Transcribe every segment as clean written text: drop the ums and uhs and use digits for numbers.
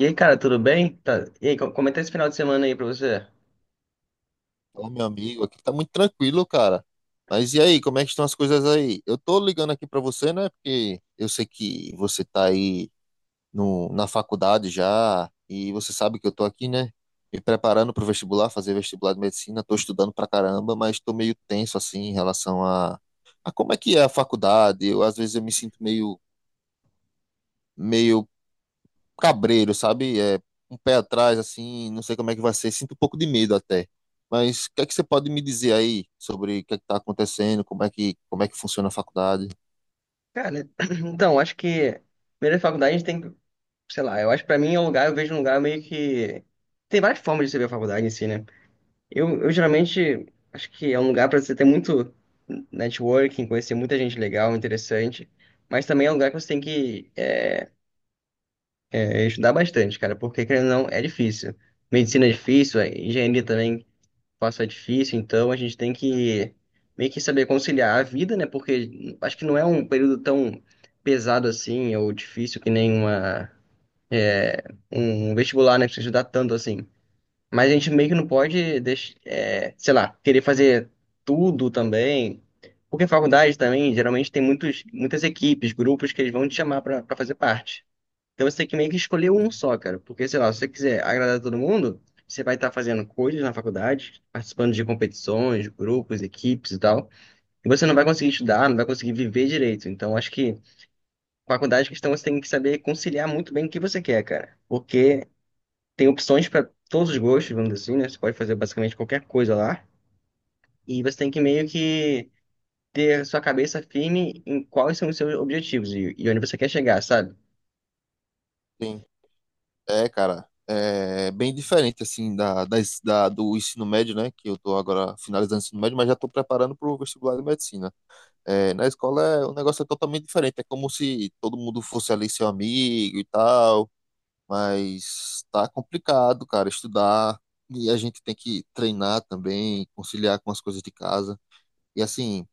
E aí, cara, tudo bem? Tá. E aí, como é que tá esse final de semana aí pra você? Ô, meu amigo, aqui tá muito tranquilo, cara. Mas e aí, como é que estão as coisas aí? Eu tô ligando aqui pra você, né? Porque eu sei que você tá aí no, na faculdade já, e você sabe que eu tô aqui, né? Me preparando pro vestibular, fazer vestibular de medicina. Tô estudando pra caramba, mas tô meio tenso, assim, em relação a como é que é a faculdade. Às vezes eu me sinto meio, meio cabreiro, sabe? Um pé atrás, assim, não sei como é que vai ser, sinto um pouco de medo até. Mas o que é que você pode me dizer aí sobre o que é que tá acontecendo, como é que funciona a faculdade? Cara, então, acho que primeiro a faculdade a gente tem que, sei lá, eu acho que pra mim é um lugar, eu vejo um lugar meio que. Tem várias formas de você ver a faculdade em si, né? Eu geralmente acho que é um lugar pra você ter muito networking, conhecer muita gente legal, interessante, mas também é um lugar que você tem estudar bastante, cara, porque querendo ou não, é difícil. Medicina é difícil, engenharia também. Fácil é difícil, então a gente tem que meio que saber conciliar a vida, né? Porque acho que não é um período tão pesado assim, ou difícil que nem é, um vestibular, né? Que você estudar tanto assim. Mas a gente meio que não pode, sei lá, querer fazer tudo também. Porque faculdade também, geralmente tem muitas equipes, grupos que eles vão te chamar para fazer parte. Então você tem que meio que escolher um Sim. só, cara. Porque, sei lá, se você quiser agradar todo mundo, você vai estar fazendo coisas na faculdade, participando de competições, grupos, equipes e tal. E você não vai conseguir estudar, não vai conseguir viver direito. Então, acho que faculdade e questão você tem que saber conciliar muito bem o que você quer, cara. Porque tem opções para todos os gostos, vamos dizer assim, né? Você pode fazer basicamente qualquer coisa lá. E você tem que meio que ter sua cabeça firme em quais são os seus objetivos e onde você quer chegar, sabe? Sim. É, cara, é bem diferente, assim, do ensino médio, né? Que eu tô agora finalizando o ensino médio, mas já tô preparando pro vestibular de medicina. É, na escola é, o negócio é totalmente diferente, é como se todo mundo fosse ali seu amigo e tal. Mas tá complicado, cara, estudar. E a gente tem que treinar também, conciliar com as coisas de casa. E assim,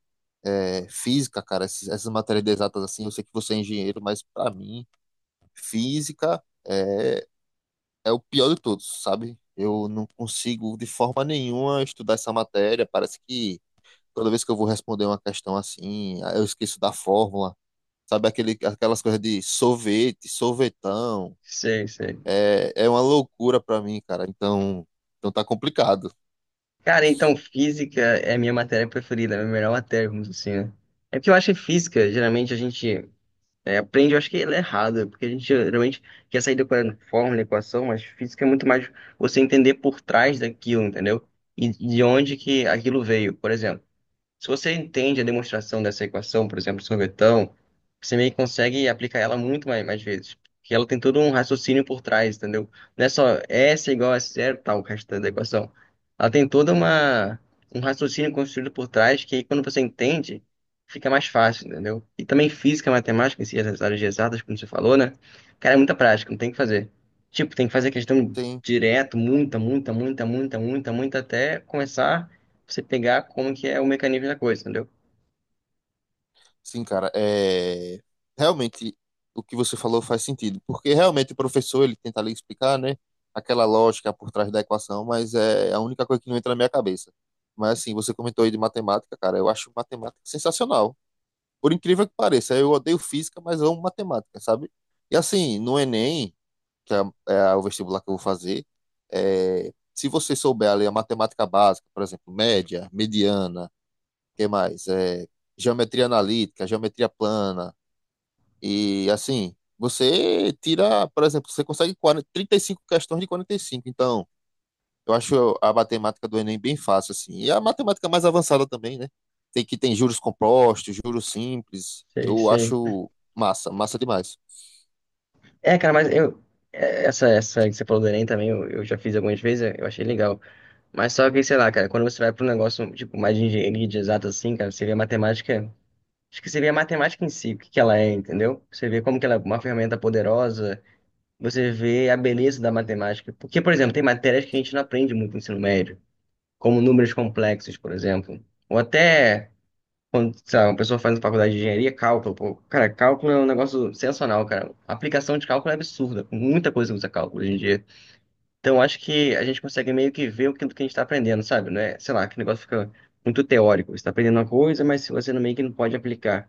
é, física, cara, essas matérias de exatas assim, eu sei que você é engenheiro, mas pra mim, física é, é o pior de todos, sabe? Eu não consigo de forma nenhuma estudar essa matéria. Parece que toda vez que eu vou responder uma questão assim, eu esqueço da fórmula. Sabe aquelas coisas de sorvete, sorvetão. Sei, sei. É, é uma loucura pra mim, cara. Então tá complicado. Cara, então física é a minha matéria preferida, é a minha melhor matéria, vamos dizer assim, né? É porque eu acho que física, geralmente a gente aprende, eu acho que ela é errada, porque a gente geralmente quer sair decorando fórmula, equação, mas física é muito mais você entender por trás daquilo, entendeu? E de onde que aquilo veio, por exemplo. Se você entende a demonstração dessa equação, por exemplo, sorvetão, você meio que consegue aplicar ela muito mais, mais vezes. Porque ela tem todo um raciocínio por trás, entendeu? Não é só S igual a zero, tal, o resto da equação. Ela tem toda uma um raciocínio construído por trás que aí, quando você entende, fica mais fácil, entendeu? E também física, matemática, em si, essas áreas de exatas, como você falou, né? Cara, é muita prática, não tem o que fazer. Tipo, tem que fazer questão Tem, direto, muita, muita, muita, muita, muita, muita, até começar você pegar como que é o mecanismo da coisa, entendeu? sim, cara. É, realmente o que você falou faz sentido, porque realmente o professor ele tenta ali explicar, né, aquela lógica por trás da equação, mas é a única coisa que não entra na minha cabeça. Mas assim, você comentou aí de matemática, cara. Eu acho matemática sensacional. Por incrível que pareça, eu odeio física, mas amo matemática, sabe? E assim, no Enem que é, é o vestibular que eu vou fazer, é, se você souber ali a matemática básica, por exemplo, média, mediana, que mais? É, geometria analítica, geometria plana, e assim, você tira, por exemplo, você consegue 40, 35 questões de 45. Então, eu acho a matemática do Enem bem fácil, assim. E a matemática mais avançada também, né? Tem que tem juros compostos, juros simples. Sei, Eu sei. acho massa, massa demais. É, cara, Essa, essa que você falou do Enem também, eu já fiz algumas vezes, eu achei legal. Mas só que, sei lá, cara, quando você vai para um negócio, tipo, mais de engenharia de exato assim, cara, você vê a matemática. Acho que você vê a matemática em si, o que que ela é, entendeu? Você vê como que ela é uma ferramenta poderosa, você vê a beleza da matemática. Porque, por exemplo, tem matérias que a gente não aprende muito no ensino médio, como números complexos, por exemplo. Ou até. Quando, sei lá, uma pessoa faz uma faculdade de engenharia, cálculo, pô, cara, cálculo é um negócio sensacional, cara. A aplicação de cálculo é absurda. Muita coisa usa cálculo hoje em dia. Então, acho que a gente consegue meio que ver o que, do que a gente está aprendendo, sabe? Não é, sei lá, que o negócio fica muito teórico. Você está aprendendo uma coisa, mas você meio que não pode aplicar.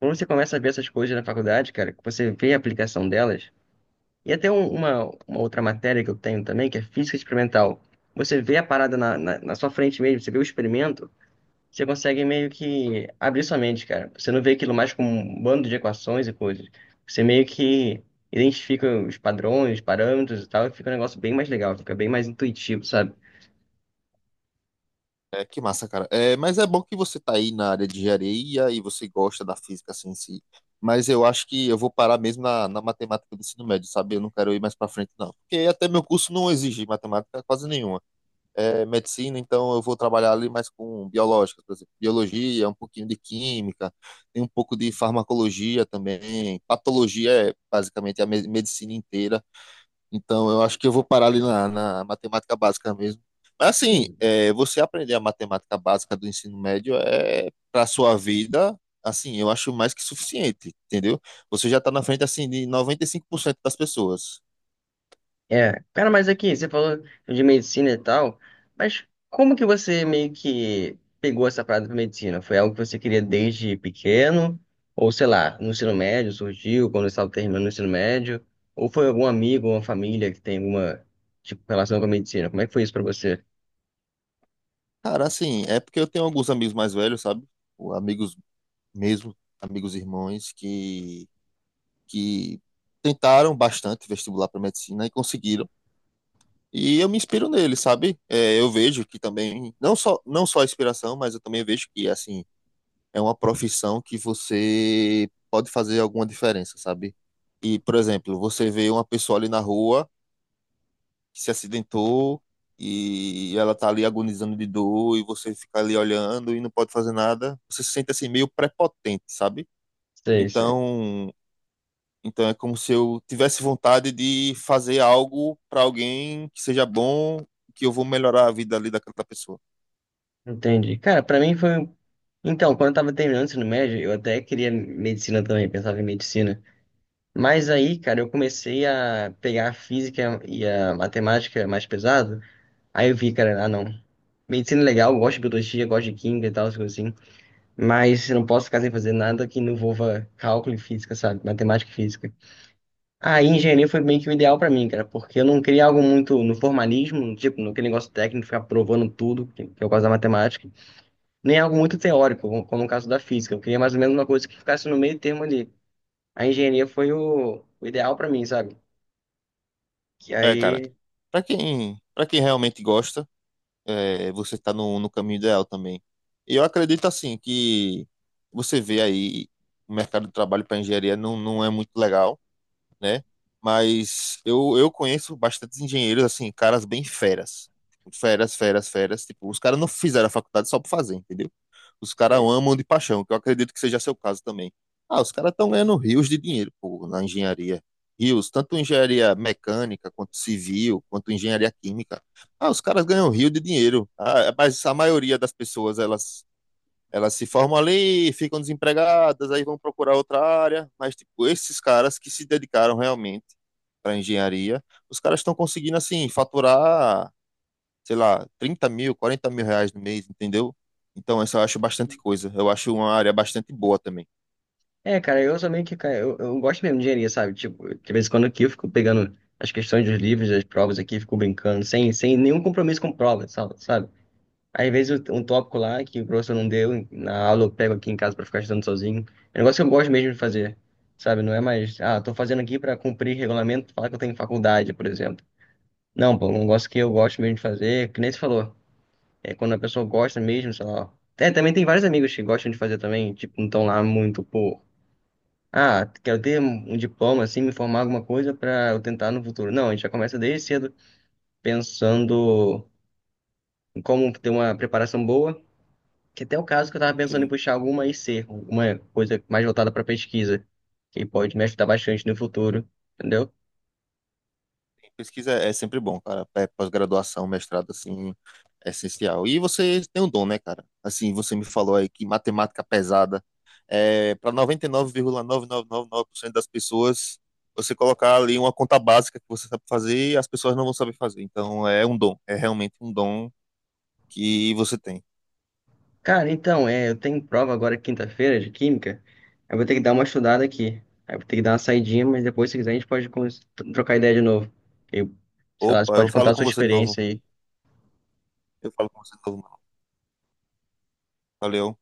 Quando você começa a ver essas coisas na faculdade, cara, que você vê a aplicação delas, e até uma outra matéria que eu tenho também, que é física experimental. Você vê a parada na sua frente mesmo, você vê o experimento, você consegue meio que abrir sua mente, cara. Você não vê aquilo mais como um bando de equações e coisas. Você meio que identifica os padrões, os parâmetros e tal, e fica um negócio bem mais legal, fica bem mais intuitivo, sabe? É, que massa, cara. É, mas é bom que você tá aí na área de engenharia e você gosta da física assim, em si. Mas eu acho que eu vou parar mesmo na, na matemática do ensino médio, sabe? Eu não quero ir mais pra frente, não. Porque até meu curso não exige matemática quase nenhuma. É medicina, então eu vou trabalhar ali mais com biológicas, por exemplo. Biologia, um pouquinho de química, tem um pouco de farmacologia também. Patologia é basicamente a medicina inteira. Então, eu acho que eu vou parar ali na, na matemática básica mesmo. Mas, assim, é, você aprender a matemática básica do ensino médio é para sua vida, assim, eu acho mais que suficiente, entendeu? Você já está na frente, assim, de 95% das pessoas. É, cara, mas aqui, você falou de medicina e tal, mas como que você meio que pegou essa parada pra medicina? Foi algo que você queria desde pequeno? Ou sei lá, no ensino médio surgiu, quando você estava terminando o ensino médio? Ou foi algum amigo, uma família que tem alguma, tipo, relação com a medicina? Como é que foi isso pra você? Cara, assim, é porque eu tenho alguns amigos mais velhos, sabe? Ou Amigos mesmo, amigos irmãos, que tentaram bastante vestibular para medicina e conseguiram. E eu me inspiro nele, sabe? É, eu vejo que também, não só a inspiração, mas eu também vejo que, assim, é uma profissão que você pode fazer alguma diferença, sabe? E, por exemplo, você vê uma pessoa ali na rua que se acidentou e ela tá ali agonizando de dor e você fica ali olhando e não pode fazer nada, você se sente assim meio prepotente, sabe? Sei, sei. Então, então é como se eu tivesse vontade de fazer algo para alguém que seja bom, que eu vou melhorar a vida ali daquela pessoa. Entendi. Cara, pra mim foi. Então, quando eu tava terminando o ensino médio, eu até queria medicina também, pensava em medicina. Mas aí, cara, eu comecei a pegar a física e a matemática mais pesado. Aí eu vi, cara, ah, não. Medicina é legal, eu gosto de biologia, gosto de química e tal, essas coisas assim. Mas eu não posso ficar sem fazer nada que não envolva cálculo e física, sabe? Matemática e física. Aí engenharia foi meio que o ideal pra mim, cara, porque eu não queria algo muito no formalismo, tipo, naquele negócio técnico, ficar provando tudo, que é o caso da matemática, nem algo muito teórico, como no caso da física. Eu queria mais ou menos uma coisa que ficasse no meio termo ali. A engenharia foi o ideal pra mim, sabe? Que É, cara, aí. Para quem realmente gosta, é, você tá no, no caminho ideal também. E eu acredito assim que você vê aí o mercado de trabalho para engenharia não, não é muito legal, né? Mas eu conheço bastantes engenheiros assim, caras bem feras. Tipo, Feras, feras, feras, tipo, os caras não fizeram a faculdade só por fazer, entendeu? Os caras Sei. amam de paixão, que eu acredito que seja seu caso também. Ah, os caras estão ganhando rios de dinheiro, pô, na engenharia. Rios, tanto engenharia mecânica, quanto civil, quanto engenharia química. Ah, os caras ganham rio de dinheiro. Ah, mas a maioria das pessoas, elas se formam ali, ficam desempregadas, aí vão procurar outra área. Mas, tipo, esses caras que se dedicaram realmente para engenharia, os caras estão conseguindo, assim, faturar sei lá, 30.000, 40.000 reais no mês, entendeu? Então, essa eu acho bastante coisa. Eu acho uma área bastante boa também. É, cara, eu sou meio que. Cara, eu gosto mesmo de engenharia, sabe? Tipo, de vez em quando aqui eu fico pegando as questões dos livros, das provas aqui, fico brincando, sem nenhum compromisso com prova, sabe? Às vezes um tópico lá que o professor não deu na aula, eu pego aqui em casa pra ficar estudando sozinho. É um negócio que eu gosto mesmo de fazer, sabe? Não é mais, ah, tô fazendo aqui pra cumprir regulamento, falar que eu tenho faculdade, por exemplo. Não, pô, é um negócio que eu gosto mesmo de fazer, que nem você falou. É quando a pessoa gosta mesmo, sei lá. É, também tem vários amigos que gostam de fazer também, tipo, não estão lá muito por. Ah, quero ter um diploma, assim, me formar alguma coisa para eu tentar no futuro. Não, a gente já começa desde cedo pensando em como ter uma preparação boa, que até é o caso que eu estava pensando em Tem- puxar alguma IC, alguma coisa mais voltada para pesquisa, que pode me ajudar bastante no futuro, entendeu? tem Pesquisa é sempre bom, cara. É pós-graduação, mestrado, assim, é essencial. E você tem um dom, né, cara? Assim, você me falou aí que matemática pesada é para 99,9999% das pessoas, você colocar ali uma conta básica que você sabe fazer e as pessoas não vão saber fazer. Então, é um dom. É realmente um dom que você tem. Cara, então, é, eu tenho prova agora quinta-feira de química. Eu vou ter que dar uma estudada aqui. Aí eu vou ter que dar uma saidinha, mas depois, se quiser, a gente pode trocar ideia de novo. Eu, sei lá, você Opa, eu pode contar falo a sua com você de novo. experiência aí. Eu falo com você de novo, mano. Valeu.